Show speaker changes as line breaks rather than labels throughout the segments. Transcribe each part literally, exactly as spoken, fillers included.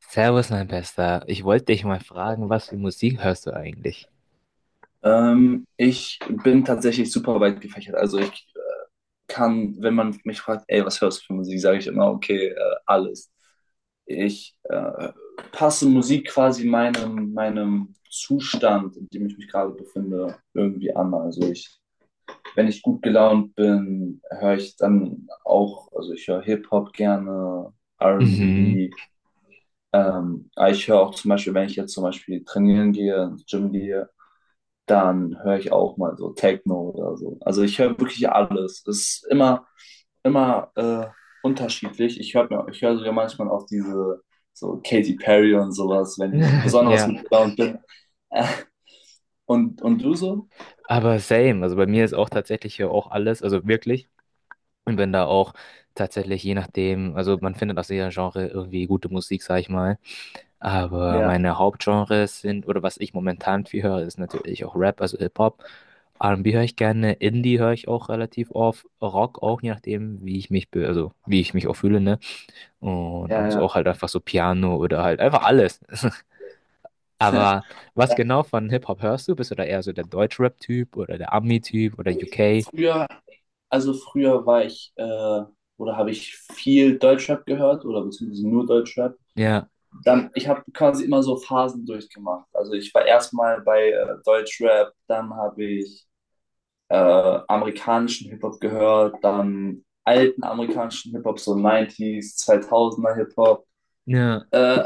Servus, mein Bester. Ich wollte dich mal fragen, was für Musik hörst du eigentlich?
Ähm, ich bin tatsächlich super weit gefächert. Also ich kann, wenn man mich fragt, ey, was hörst du für Musik, sage ich immer, okay, äh, alles. Ich äh, passe Musik quasi meinem, meinem Zustand, in dem ich mich gerade befinde, irgendwie an. Also ich, wenn ich gut gelaunt bin, höre ich dann auch, also ich höre Hip-Hop gerne,
Mhm.
R und B. Ähm, aber ich höre auch zum Beispiel, wenn ich jetzt zum Beispiel trainieren gehe, ins Gym gehe, dann höre ich auch mal so Techno oder so. Also ich höre wirklich alles. Es ist immer, immer äh, unterschiedlich. Ich höre mir, ich höre sogar manchmal auch diese so Katy Perry und sowas, wenn ich besonders
Ja,
gut gelaunt bin. Äh, Und, und du so?
aber same. Also bei mir ist auch tatsächlich hier auch alles, also wirklich. Und bin da auch tatsächlich je nachdem, also man findet aus jeder Genre irgendwie gute Musik, sag ich mal. Aber
Ja,
meine Hauptgenres sind, oder was ich momentan viel höre, ist natürlich auch Rap, also Hip-Hop. R and B höre ich gerne, Indie höre ich auch relativ oft, Rock auch, je nachdem, wie ich mich, be- also wie ich mich auch fühle, ne? Und ab
ja,
und zu
ja.
auch halt einfach so Piano oder halt einfach alles. Aber was genau von Hip-Hop hörst du? Bist du da eher so der Deutschrap-Typ oder der Ami-Typ oder U K?
Früher, also früher war ich, äh, oder habe ich viel Deutschrap gehört oder beziehungsweise nur Deutschrap.
Ja,
Dann, ich habe quasi immer so Phasen durchgemacht. Also ich war erstmal bei äh, Deutschrap, dann habe ich äh, amerikanischen Hip-Hop gehört, dann alten amerikanischen Hip-Hop, so neunziger zweitausender Hip-Hop.
ja,
Äh,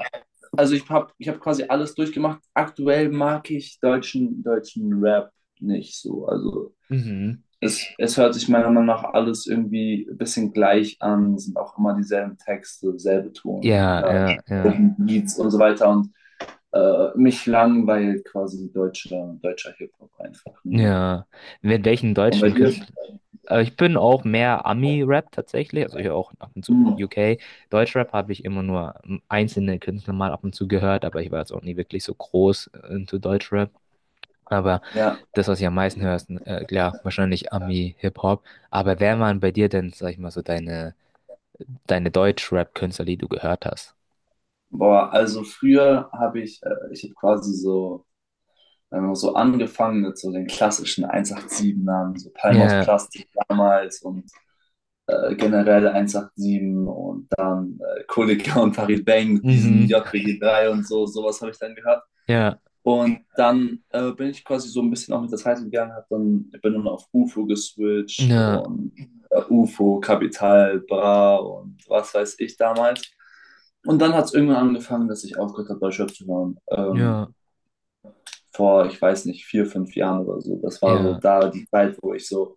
also ich habe ich hab quasi alles durchgemacht. Aktuell mag ich deutschen, deutschen Rap nicht so. Also
mhm.
es, es hört sich meiner Meinung nach alles irgendwie ein bisschen gleich an, sind auch immer dieselben Texte, selbe
Ja,
Tonlage,
ja, ja,
selben Beats und so weiter. Und äh, mich langweilt quasi deutscher, deutscher Hip-Hop einfach nur.
ja. Mit welchen
Und bei
deutschen
dir?
Künstlern? Äh, Ich bin auch mehr Ami-Rap tatsächlich, also hier auch ab und zu
Hm,
U K. Deutschrap habe ich immer nur ähm, einzelne Künstler mal ab und zu gehört, aber ich war jetzt auch nie wirklich so groß äh, into Deutschrap. Aber
ja.
das, was ich am meisten höre, ist äh, klar, wahrscheinlich Ami, Hip-Hop. Aber wer waren bei dir denn, sag ich mal, so deine, deine Deutsch-Rap-Künstler, die du gehört hast?
Boah, also früher habe ich, äh, ich habe quasi so, wenn man so angefangen mit so den klassischen ein acht sieben-Namen, so Palm aus
Ja,
Plastik damals und äh, generell ein acht sieben und dann äh, Kollega und Farid Bang mit diesen
mhm,
J B G drei und so, sowas habe ich dann gehört.
ja,
Und dann äh, bin ich quasi so ein bisschen auch mit der Zeit gegangen, hab dann, bin dann auf U F O geswitcht
ja,
und äh, U F O, Capital, Bra und was weiß ich damals. Und dann hat es irgendwann angefangen, dass ich aufgehört habe, bei Schöpf zu hören. Ähm,
ja,
vor, ich weiß nicht, vier, fünf Jahren oder so. Das war so
ja,
da die Zeit, wo ich so,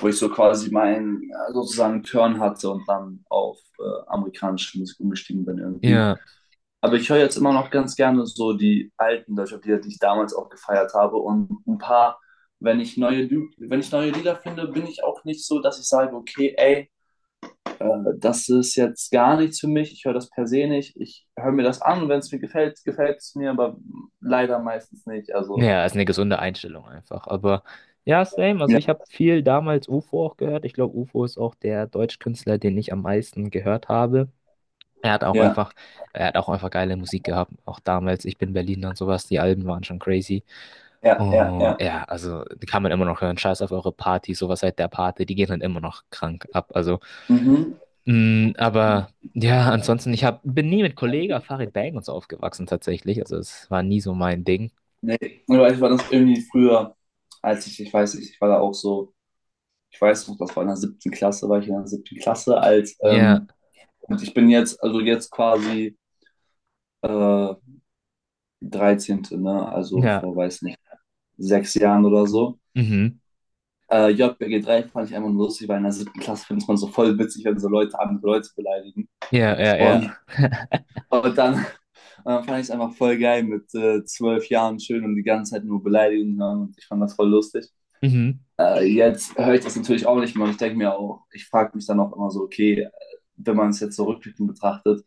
wo ich so quasi meinen ja, sozusagen Turn hatte und dann auf äh, amerikanische Musik umgestiegen bin irgendwie.
ja.
Aber ich höre jetzt immer noch ganz gerne so die alten Deutschrap-Lieder, die ich damals auch gefeiert habe. Und ein paar, wenn ich neue, Lü- wenn ich neue Lieder finde, bin ich auch nicht so, dass ich sage, okay, ey, äh, das ist jetzt gar nichts für mich. Ich höre das per se nicht. Ich höre mir das an und wenn es mir gefällt, gefällt es mir, aber leider meistens nicht. Also,
Ja, ist eine gesunde Einstellung einfach. Aber ja, same. Also ich
ja,
habe viel damals U F O auch gehört. Ich glaube, U F O ist auch der Deutschkünstler, den ich am meisten gehört habe. Er hat auch
ja,
einfach, er hat auch einfach geile Musik gehabt, auch damals. Ich bin Berliner und sowas. Die Alben waren schon crazy.
ja, ja,
Oh,
ja.
ja, also die kann man immer noch hören. Scheiß auf eure Party, sowas seit der Party, die gehen dann immer noch krank ab. Also,
Mhm.
mh, aber ja, ansonsten, ich hab, bin nie mit Kollega Farid Bang und so aufgewachsen tatsächlich. Also es war nie so mein Ding.
Nee, aber ich war das irgendwie früher, als ich, ich weiß nicht, ich war da auch so, ich weiß noch, das war in der siebten Klasse, war ich in der siebten Klasse. als,
Ja,
ähm, Und ich bin jetzt, also jetzt quasi äh, dreizehn. Ne? Also
ja,
vor, weiß nicht, sechs Jahren oder so.
mhm.
Äh, J B G drei fand ich einfach nur lustig, weil in der siebten Klasse findet man so voll witzig, wenn so Leute andere Leute beleidigen.
Ja, ja, ja.
Und, und dann, dann fand ich es einfach voll geil mit äh, zwölf Jahren schön und die ganze Zeit nur Beleidigungen hören und ich fand das voll lustig.
Mhm.
Äh, jetzt höre ich das natürlich auch nicht mehr und ich denke mir auch, ich frage mich dann auch immer so, okay, wenn man es jetzt so rückblickend betrachtet,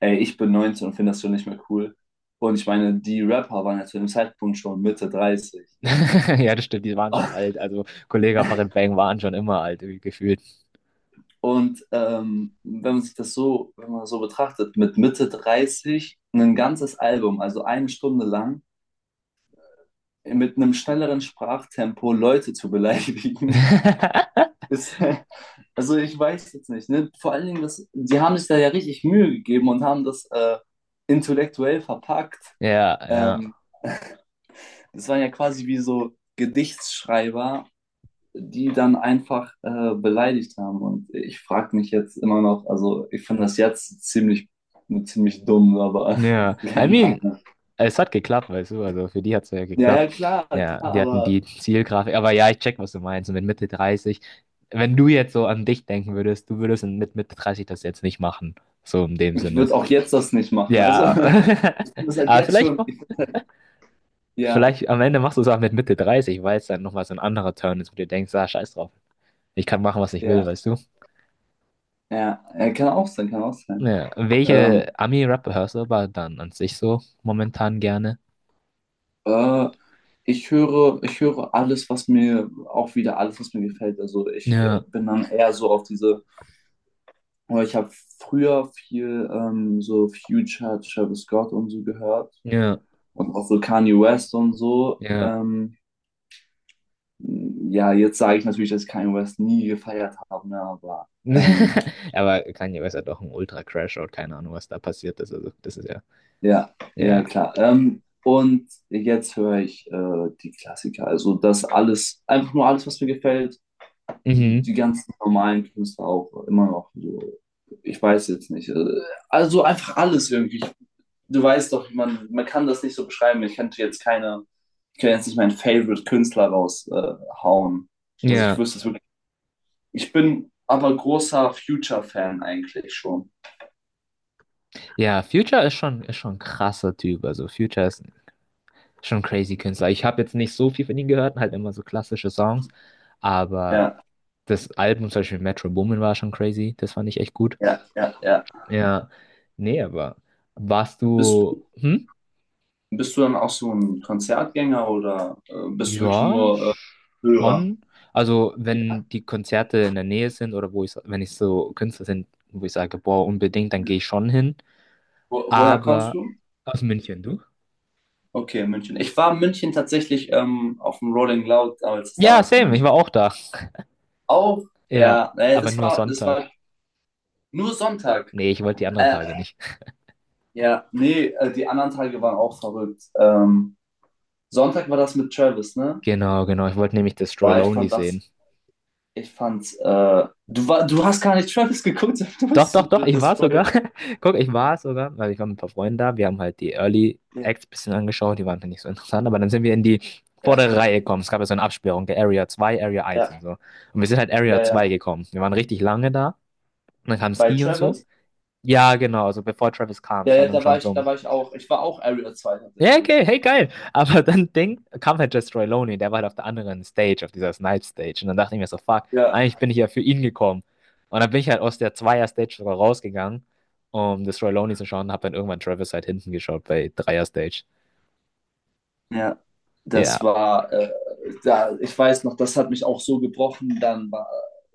ey, ich bin neunzehn und finde das schon nicht mehr cool. Und ich meine, die Rapper waren ja zu dem Zeitpunkt schon Mitte dreißig.
Ja, das stimmt, die waren schon alt. Also Kollega Farid Bang waren schon immer alt, irgendwie gefühlt.
Und ähm, wenn man sich das so, wenn man das so betrachtet, mit Mitte dreißig ein ganzes Album, also eine Stunde lang, mit einem schnelleren Sprachtempo Leute zu beleidigen, ist, also ich weiß jetzt nicht, ne? Vor allen Dingen, das, die haben sich da ja richtig Mühe gegeben und haben das äh, intellektuell verpackt.
Ja, ja.
Ähm, Das waren ja quasi wie so Gedichtsschreiber, die dann einfach äh, beleidigt haben. Und ich frage mich jetzt immer noch, also ich finde das jetzt ziemlich, ziemlich dumm, aber
Ja, I
keine
mean,
Ahnung.
es hat geklappt, weißt du, also für die hat es ja
Ja, ja,
geklappt.
klar, klar,
Ja, die hatten
aber
die Zielgrafik, aber ja, ich check, was du meinst. Und mit Mitte dreißig, wenn du jetzt so an dich denken würdest, du würdest mit Mitte dreißig das jetzt nicht machen, so in dem
ich
Sinne.
würde auch jetzt das nicht machen. Also ich
Ja,
finde das halt
aber
jetzt
vielleicht,
schon,
mach-
ich, ja,
vielleicht am Ende machst du es auch mit Mitte dreißig, weil es dann nochmal so ein anderer Turn ist, wo du denkst, ah, scheiß drauf, ich kann machen, was ich will,
ja,
weißt du.
ja, ja, kann auch sein, kann auch sein.
Ja, welche
Ähm,
Ami-Rapper hörst du aber dann an sich so momentan gerne?
äh, ich höre, ich höre alles, was mir auch wieder alles, was mir gefällt. Also ich
Ja,
äh, bin dann eher so auf diese aber ich habe früher viel ähm, so Future, Travis Scott und so gehört
ja,
und auch so Kanye West und so.
ja.
Ähm, ja, jetzt sage ich natürlich, dass ich Kanye West nie gefeiert habe, ne, aber ähm,
Aber Kanye West hat doch einen Ultra-Crashout, keine Ahnung, was da passiert ist. Also, das ist ja,
ja, ja
ja,
klar. Ähm, und jetzt höre ich äh, die Klassiker, also das alles, einfach nur alles, was mir gefällt,
mhm,
die ganzen normalen Künstler auch immer noch so. Ich weiß jetzt nicht. äh, Also einfach alles irgendwie. Du weißt doch, man, man kann das nicht so beschreiben. Ich könnte jetzt keine, ich kann jetzt nicht meinen Favorite-Künstler raushauen. Äh, also ich
ja,
wüsste es wirklich. Ich bin aber großer Future-Fan eigentlich schon.
ja, Future ist schon, ist schon ein krasser Typ. Also, Future ist schon ein crazy Künstler. Ich habe jetzt nicht so viel von ihm gehört, halt immer so klassische Songs, aber
Ja,
das Album, zum Beispiel Metro Boomin, war schon crazy. Das fand ich echt gut.
ja, ja, ja.
Ja, nee, aber warst
Bist,
du, hm?
bist du dann auch so ein Konzertgänger oder äh, bist du wirklich
Ja,
nur äh, Hörer?
schon. Also, wenn die Konzerte in der Nähe sind oder wo ich, wenn ich so Künstler sind, wo ich sage, boah, unbedingt, dann
Ja.
gehe ich schon hin.
Wo, woher kommst
Aber
du?
aus München, du?
Okay, München. Ich war in München tatsächlich ähm, auf dem Rolling Loud damals,
Ja,
damals in
same, ich war
München.
auch da.
Auch,
Ja,
ja, äh,
aber
das
nur
war, das
Sonntag.
war nur Sonntag.
Nee, ich wollte die anderen
Äh,
Tage nicht.
Ja, nee, äh, die anderen Tage waren auch verrückt. Ähm, Sonntag war das mit Travis, ne?
Genau, genau, ich wollte nämlich Destroy
Boah, ich
Lonely
fand das,
sehen.
ich fand's, äh, du war, du hast gar nicht Travis geguckt. Du
Doch,
bist so
doch, doch,
dr-
ich war
destroyed.
sogar. Guck, ich war sogar, weil ich war mit ein paar Freunden da. Wir haben halt die Early
Ja,
Acts ein bisschen angeschaut, die waren halt nicht so interessant, aber dann sind wir in die
ja,
vordere Reihe gekommen. Es gab ja so eine Absperrung, der Area zwei Area eins und
ja,
so. Und wir sind halt
ja,
Area zwei
ja.
gekommen. Wir waren richtig lange da. Und dann kam
Bei
Ski und so.
Travis,
Ja, genau, also bevor Travis kam,
ja,
es war
ja,
dann
da war
schon so
ich, da
um
war ich auch, ich war auch Area zwei
ja,
tatsächlich.
okay, hey, geil. Aber dann denk, kam halt Jess Roy Loney, der war halt auf der anderen Stage, auf dieser Snipe Stage. Und dann dachte ich mir so, fuck,
Ja,
eigentlich bin ich ja für ihn gekommen. Und dann bin ich halt aus der Zweier-Stage sogar rausgegangen, um das Roy Loney zu schauen, und hab dann irgendwann Travis halt hinten geschaut bei Dreier-Stage.
ja.
Ja.
Das war, äh, Da, ich weiß noch, das hat mich auch so gebrochen, dann war,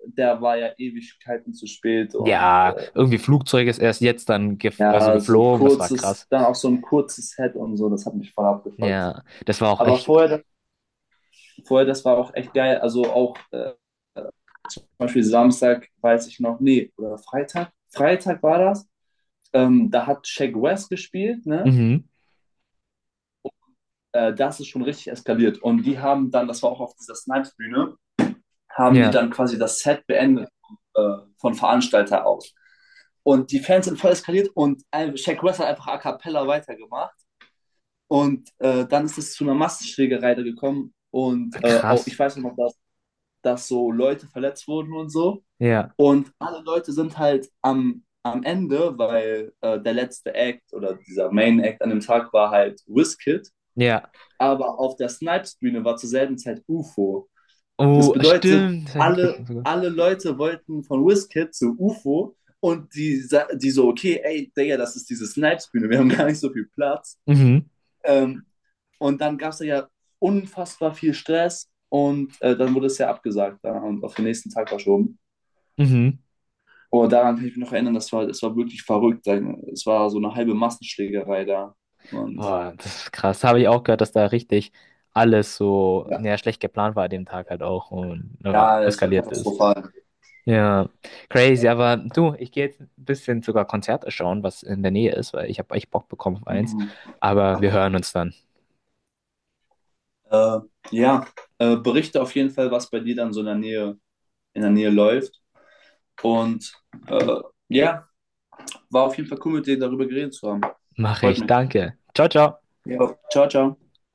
der war ja Ewigkeiten zu spät und,
Ja, irgendwie Flugzeug ist erst jetzt dann gef also
ja, so ein
geflogen, das war
kurzes,
krass.
dann auch so ein kurzes Head und so, das hat mich voll abgefuckt.
Ja, das war auch
Aber
echt.
vorher, vorher, das war auch echt geil. Also auch äh, zum Beispiel Samstag, weiß ich noch, nee, oder Freitag. Freitag war das. Ähm, da hat Shaq West gespielt, ne?
Mhm.
Äh, das ist schon richtig eskaliert. Und die haben dann, das war auch auf dieser Snipes-Bühne, haben die
Ja,
dann quasi das Set beendet äh, von Veranstalter aus. Und die Fans sind voll eskaliert und ein- Shaq West hat einfach a cappella weitergemacht. Und äh, dann ist es zu einer Massenschlägerei da gekommen. Und äh, auch,
krass.
ich weiß noch, dass, dass so Leute verletzt wurden und so.
Ja,
Und alle Leute sind halt am, am Ende, weil äh, der letzte Act oder dieser Main Act an dem Tag war halt Wizkid.
ja.
Aber auf der Snipes-Bühne war zur selben Zeit U F O. Das
Oh,
bedeutet,
stimmt, das habe ich
alle,
mitbekommen sogar.
alle Leute wollten von Wizkid zu U F O. Und die, sa- die so, okay, ey, Digga, das ist diese Snipes-Bühne, wir haben gar nicht so viel Platz.
Mhm.
Ähm, und dann gab es ja unfassbar viel Stress und äh, dann wurde es ja abgesagt, ja, und auf den nächsten Tag verschoben.
Mhm.
Aber daran kann ich mich noch erinnern, das war, das war wirklich verrückt. Es war so eine halbe Massenschlägerei da. Und
Boah, das ist krass. Habe ich auch gehört, dass da richtig alles so,
ja,
ja, schlecht geplant war an dem Tag halt auch und aber
ja, das war
eskaliert ist.
katastrophal.
Ja, crazy. Aber du, ich gehe jetzt ein bisschen sogar Konzerte schauen, was in der Nähe ist, weil ich habe echt Bock bekommen auf eins.
Mhm.
Aber wir hören uns dann.
Äh, ja, äh, berichte auf jeden Fall, was bei dir dann so in der Nähe, in der Nähe läuft. Und äh, ja, war auf jeden Fall cool, mit dir darüber geredet zu haben.
Mache
Freut
ich.
mich.
Danke. Ciao, ciao.
Ja. Ciao, ciao.